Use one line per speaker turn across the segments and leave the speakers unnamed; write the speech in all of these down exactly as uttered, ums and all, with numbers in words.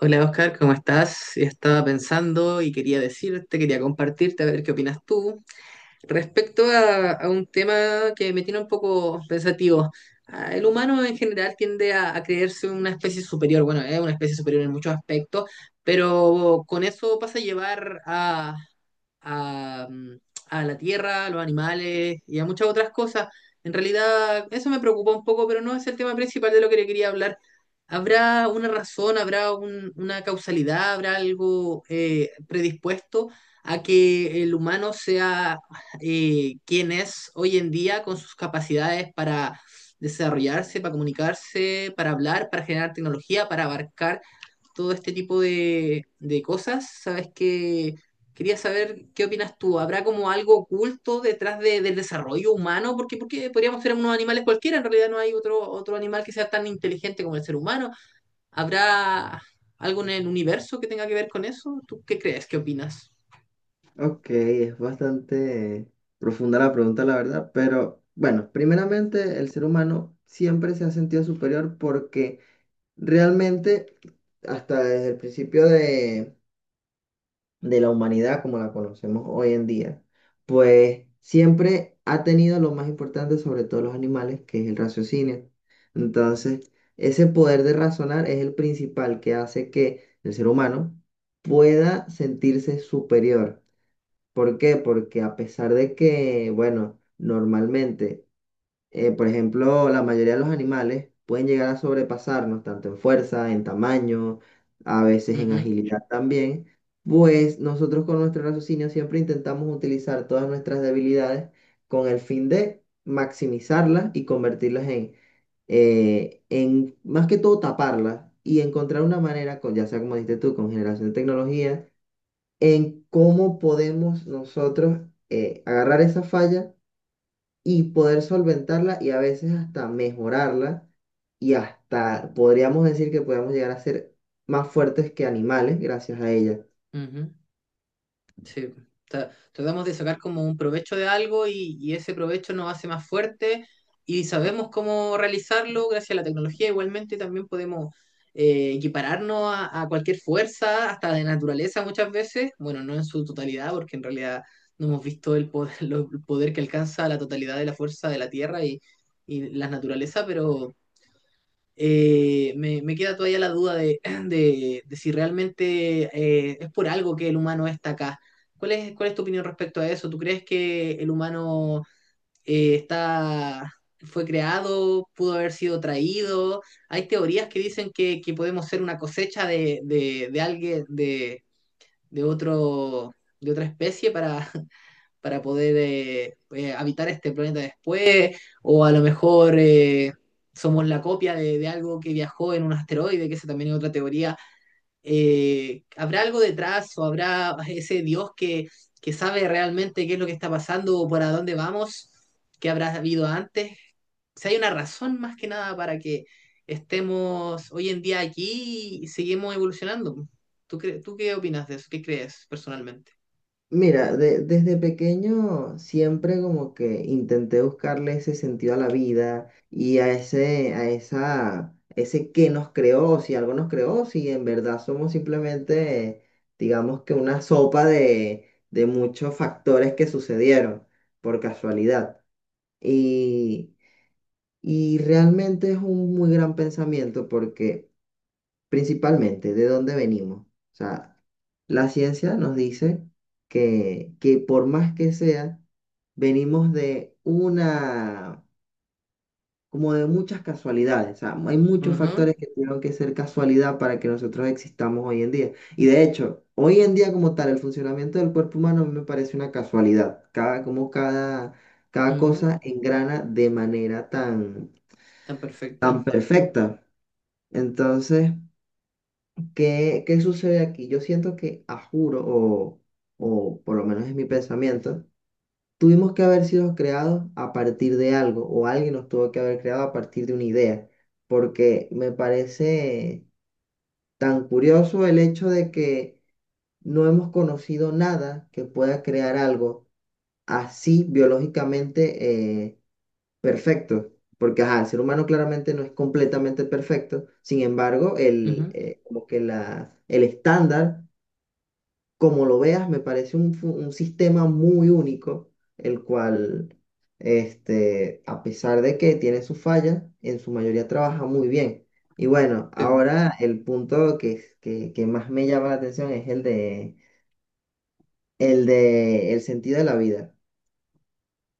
Hola Oscar, ¿cómo estás? Estaba pensando y quería decirte, quería compartirte, a ver qué opinas tú respecto a, a un tema que me tiene un poco pensativo. Ah, El humano en general tiende a, a creerse una especie superior, bueno, es una especie superior en muchos aspectos, pero con eso pasa a llevar a, a, mm, a la tierra, a los animales y a muchas otras cosas. En realidad, eso me preocupa un poco, pero no es el tema principal de lo que le quería hablar. ¿Habrá una razón, habrá un- una causalidad, habrá algo eh, predispuesto a que el humano sea eh, quien es hoy en día con sus capacidades para desarrollarse, para comunicarse, para hablar, para generar tecnología, para abarcar todo este tipo de, de cosas, sabes que quería saber qué opinas tú. ¿Habrá como algo oculto detrás de- del desarrollo humano? Porque, porque podríamos ser unos animales cualquiera, en realidad no hay otro, otro animal que sea tan inteligente como el ser humano. ¿Habrá algo en el universo que tenga que ver con eso? ¿Tú qué crees? ¿Qué opinas?
Ok, es bastante profunda la pregunta, la verdad, pero bueno, primeramente el ser humano siempre se ha sentido superior porque realmente hasta desde el principio de, de la humanidad como la conocemos hoy en día, pues siempre ha tenido lo más importante sobre todos los animales, que es el raciocinio. Entonces, ese poder de razonar es el principal que hace que el ser humano pueda sentirse superior. ¿Por qué? Porque a pesar de que, bueno, normalmente, eh, por ejemplo, la mayoría de los animales pueden llegar a sobrepasarnos, tanto en fuerza, en tamaño, a veces en
Ujú,
agilidad también, pues nosotros con nuestro raciocinio siempre intentamos utilizar todas nuestras debilidades con el fin de maximizarlas y convertirlas en, eh, en más que todo taparlas y encontrar una manera, con, ya sea como dijiste tú, con generación de tecnología en cómo podemos nosotros eh, agarrar esa falla y poder solventarla y a veces hasta mejorarla y hasta podríamos decir que podemos llegar a ser más fuertes que animales gracias a ella.
ujú. Sí. tra- Tratamos de sacar como un provecho de algo y, y ese provecho nos hace más fuerte y sabemos cómo realizarlo gracias a la tecnología. Igualmente también podemos eh, equipararnos a, a cualquier fuerza, hasta de naturaleza muchas veces. Bueno, no en su totalidad, porque en realidad no hemos visto el poder, lo- el poder que alcanza la totalidad de la fuerza de la Tierra y, y la naturaleza, pero eh, me, me queda todavía la duda de, de- de si realmente eh, es por algo que el humano está acá. ¿Cuál es, cuál es tu opinión respecto a eso? ¿Tú crees que el humano eh, está, fue creado, pudo haber sido traído? Hay teorías que dicen que, que podemos ser una cosecha de, de, de alguien, de, de otro, de otra especie para, para poder eh, eh, habitar este planeta después, o a lo mejor eh, somos la copia de, de, algo que viajó en un asteroide, que esa también es otra teoría. Eh, ¿Habrá algo detrás o habrá ese Dios que, que sabe realmente qué es lo que está pasando o para dónde vamos? ¿Qué habrá habido antes? Si hay una razón más que nada para que estemos hoy en día aquí y seguimos evolucionando. ¿Tú, cre Tú qué opinas de eso? ¿Qué crees personalmente?
Mira, de- desde pequeño siempre como que intenté buscarle ese sentido a la vida y a ese, a esa, ese qué nos creó, si algo nos creó, si en verdad somos simplemente, digamos que una sopa de, de muchos factores que sucedieron por casualidad. Y, y realmente es un muy gran pensamiento porque principalmente de dónde venimos. O sea, la ciencia nos dice que, que por más que sea, venimos de una, como de muchas casualidades. O sea, hay
Uh
muchos
-huh,
factores que tuvieron que ser casualidad para que nosotros existamos hoy en día. Y de hecho, hoy en día como tal, el funcionamiento del cuerpo humano a mí me parece una casualidad. Cada, como cada,
uh
cada
-huh,
cosa engrana de manera tan,
tan
tan
perfecta.
perfecta. Entonces… ¿Qué, qué sucede aquí? Yo siento que, a juro, o, o por lo menos es mi pensamiento, tuvimos que haber sido creados a partir de algo, o alguien nos tuvo que haber creado a partir de una idea, porque me parece tan curioso el hecho de que no hemos conocido nada que pueda crear algo así biológicamente eh, perfecto. Porque ajá, el ser humano claramente no es completamente perfecto, sin embargo, el,
Ujú,
eh, como que la, el estándar como lo veas, me parece un, fu- un sistema muy único, el cual, este, a pesar de que tiene sus fallas, en su mayoría trabaja muy bien. Y bueno,
sí,
ahora el punto que, que, que más me llama la atención es el de, el de el sentido de la vida.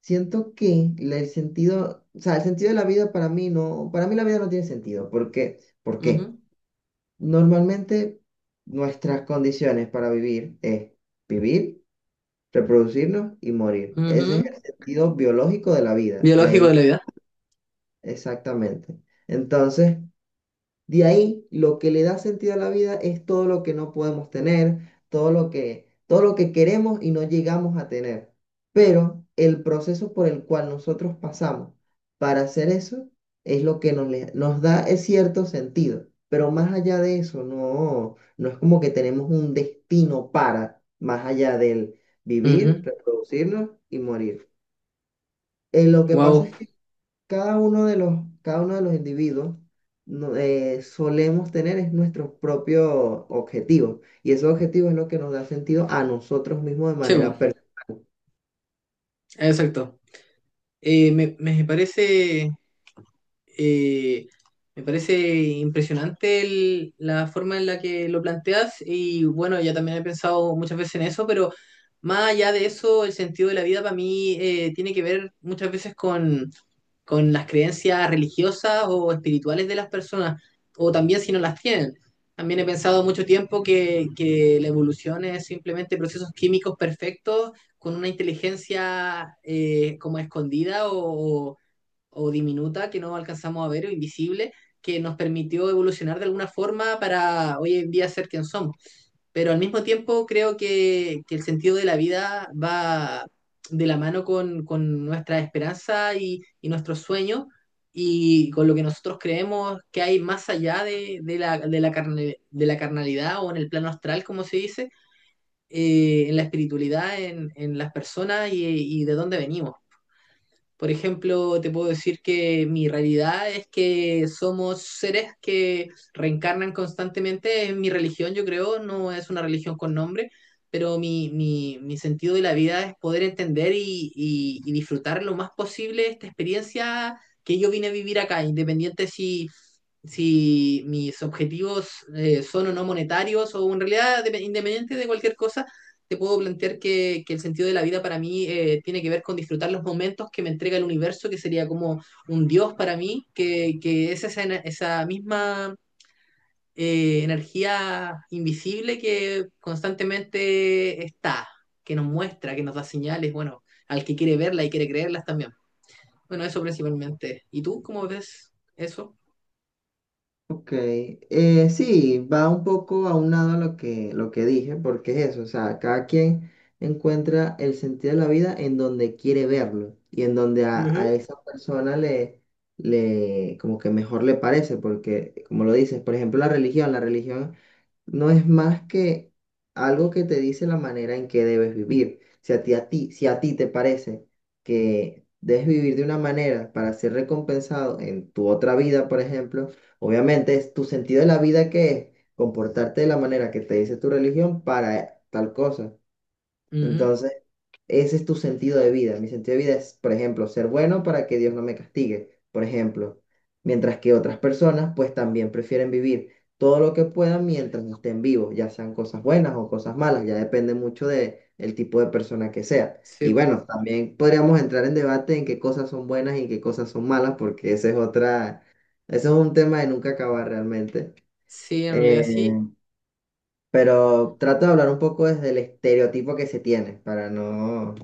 Siento que la- el sentido, o sea, el sentido de la vida para mí no, para mí la vida no tiene sentido. ¿Por qué? ¿Por qué?
ujú,
Normalmente nuestras condiciones para vivir es vivir reproducirnos y morir. Ese es
ujú.
el sentido biológico de la vida, de
Biológico
ahí
de la vida.
exactamente. Entonces, de ahí, lo que le da sentido a la vida es todo lo que no podemos tener, todo lo que, todo lo que queremos y no llegamos a tener. Pero el proceso por el cual nosotros pasamos para hacer eso es lo que nos, le- nos da eh, cierto sentido. Pero más allá de eso, no, no es como que tenemos un destino para, más allá del vivir, reproducirnos y morir. Eh, lo que pasa
Wow.
es que cada uno de los, cada uno de los individuos no- eh, solemos tener es nuestro propio objetivo. Y ese objetivo es lo que nos da sentido a nosotros mismos de
Chevo.
manera personal.
Exacto. Eh, me, me parece. eh, Me parece impresionante el- la forma en la que lo planteas y bueno, ya también he pensado muchas veces en eso, pero más allá de eso, el sentido de la vida para mí eh, tiene que ver muchas veces con, con las creencias religiosas o espirituales de las personas, o también si no las tienen. También he pensado mucho tiempo que, que la evolución es simplemente procesos químicos perfectos con una inteligencia eh, como escondida o o diminuta que no alcanzamos a ver o invisible que nos permitió evolucionar de alguna forma para hoy en día ser quien somos. Pero al mismo tiempo creo que, que el sentido de la vida va de la mano con, con nuestra esperanza y, y nuestros sueños y con lo que nosotros creemos que hay más allá de, de la, de, la carne- de la carnalidad o en el plano astral, como se dice, eh, en la espiritualidad, en, en las personas y, y de dónde venimos. Por ejemplo, te puedo decir que mi realidad es que somos seres que reencarnan constantemente. En mi religión, yo creo, no es una religión con nombre, pero mi, mi, mi sentido de la vida es poder entender y, y- y disfrutar lo más posible esta experiencia que yo vine a vivir acá, independiente si si mis objetivos eh, son o no monetarios o en realidad de- independiente de cualquier cosa, te puedo plantear que, que el sentido de la vida para mí eh, tiene que ver con disfrutar los momentos que me entrega el universo, que sería como un Dios para mí, que, que es esa, ena- esa misma eh, energía invisible que constantemente está, que nos muestra, que nos da señales, bueno, al que quiere verla y quiere creerlas también. Bueno, eso principalmente. ¿Y tú cómo ves eso?
Ok, eh, sí, va un poco aunado a lo que, lo que dije, porque es eso, o sea, cada quien encuentra el sentido de la vida en donde quiere verlo y en donde a, a
Ujú.
esa persona le, le, como que mejor le parece, porque como lo dices, por ejemplo, la religión, la religión no es más que algo que te dice la manera en que debes vivir. Si a ti, a ti, si a ti te parece que debes vivir de una manera para ser recompensado en tu otra vida, por ejemplo, obviamente es tu sentido de la vida que es comportarte de la manera que te dice tu religión para tal cosa.
Ujú.
Entonces, ese es tu sentido de vida. Mi sentido de vida es, por ejemplo, ser bueno para que Dios no me castigue, por ejemplo. Mientras que otras personas, pues también prefieren vivir todo lo que puedan mientras estén vivos, ya sean cosas buenas o cosas malas, ya depende mucho de el tipo de persona que sea.
Sí,
Y
po.
bueno, también podríamos entrar en debate en qué cosas son buenas y qué cosas son malas, porque ese es otra, ese es un tema de nunca acabar realmente.
Sí, en
Eh,
realidad sí,
pero trato de hablar un poco desde el estereotipo que se tiene, para no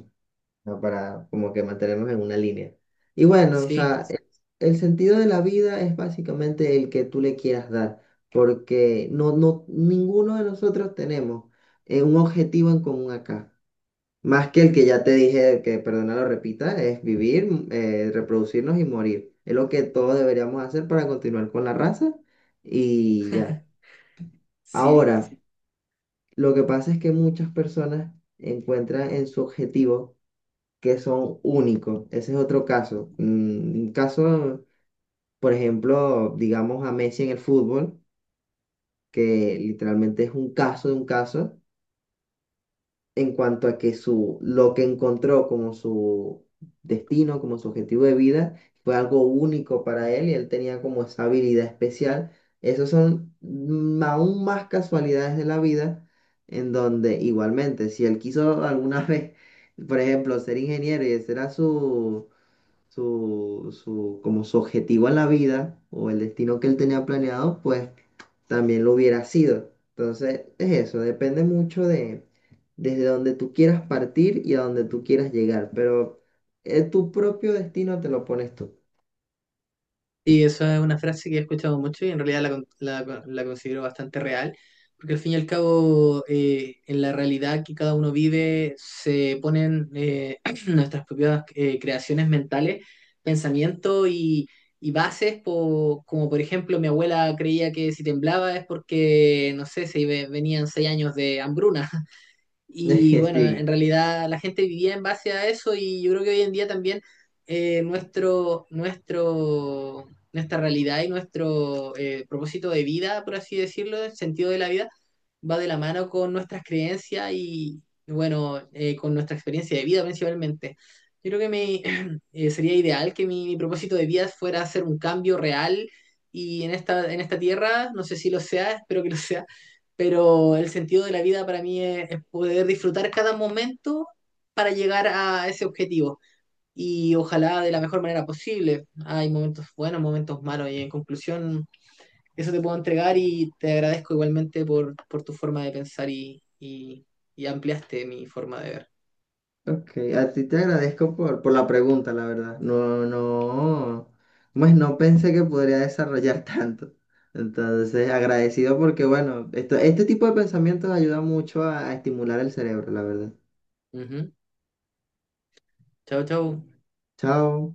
sea, para como que mantenernos en una línea. Y bueno, o
sí,
sea, el, el sentido de la vida es básicamente el que tú le quieras dar, porque no, no, ninguno de nosotros tenemos eh, un objetivo en común acá. Más que el que ya te dije, que perdona lo repita, es vivir, mm, eh, reproducirnos y morir. Es lo que todos deberíamos hacer para continuar con la raza y ya.
sí.
Ahora, sí, lo que pasa es que muchas personas encuentran en su objetivo que son únicos. Ese es otro caso. Mm, Un caso, por ejemplo, digamos a Messi en el fútbol, que literalmente es un caso de un caso en cuanto a que su, lo que encontró como su destino, como su objetivo de vida, fue algo único para él y él tenía como esa habilidad especial. Esos son mm, aún más casualidades de la vida en donde igualmente, si él quiso alguna vez, por ejemplo, ser ingeniero y ese era su su, su, como su objetivo en la vida o el destino que él tenía planeado, pues también lo hubiera sido. Entonces, es eso, depende mucho de desde donde tú quieras partir y a donde tú quieras llegar, pero eh, tu propio destino te lo pones tú.
Y eso es una frase que he escuchado mucho y en realidad la, con- la, con- la considero bastante real, porque al fin y al cabo, eh, en la realidad que cada uno vive, se ponen eh, nuestras propias eh, creaciones mentales, pensamientos y, y bases, po- como por ejemplo mi abuela creía que si temblaba es porque, no sé, se iba- venían seis años de hambruna. Y bueno,
Sí,
en realidad la gente vivía en base a eso y yo creo que hoy en día también eh, nuestro, nuestro, nuestra realidad y nuestro eh, propósito de vida, por así decirlo, el sentido de la vida, va de la mano con nuestras creencias y, bueno, eh, con nuestra experiencia de vida principalmente. Yo creo que me, eh, sería ideal que mi, mi propósito de vida fuera hacer un cambio real y en esta, en esta tierra, no sé si lo sea, espero que lo sea, pero el sentido de la vida para mí es, es poder disfrutar cada momento para llegar a ese objetivo y ojalá de la mejor manera posible. Hay momentos buenos, momentos malos y en conclusión eso te puedo entregar y te agradezco igualmente por, por tu forma de pensar y, y, y ampliaste mi forma de ver.
ok, a ti te agradezco por, por la pregunta, la verdad. No, no, pues no pensé que podría desarrollar tanto. Entonces, agradecido porque, bueno, esto, este tipo de pensamientos ayuda mucho a, a estimular el cerebro, la verdad.
Ujú. Chao, chao.
Chao.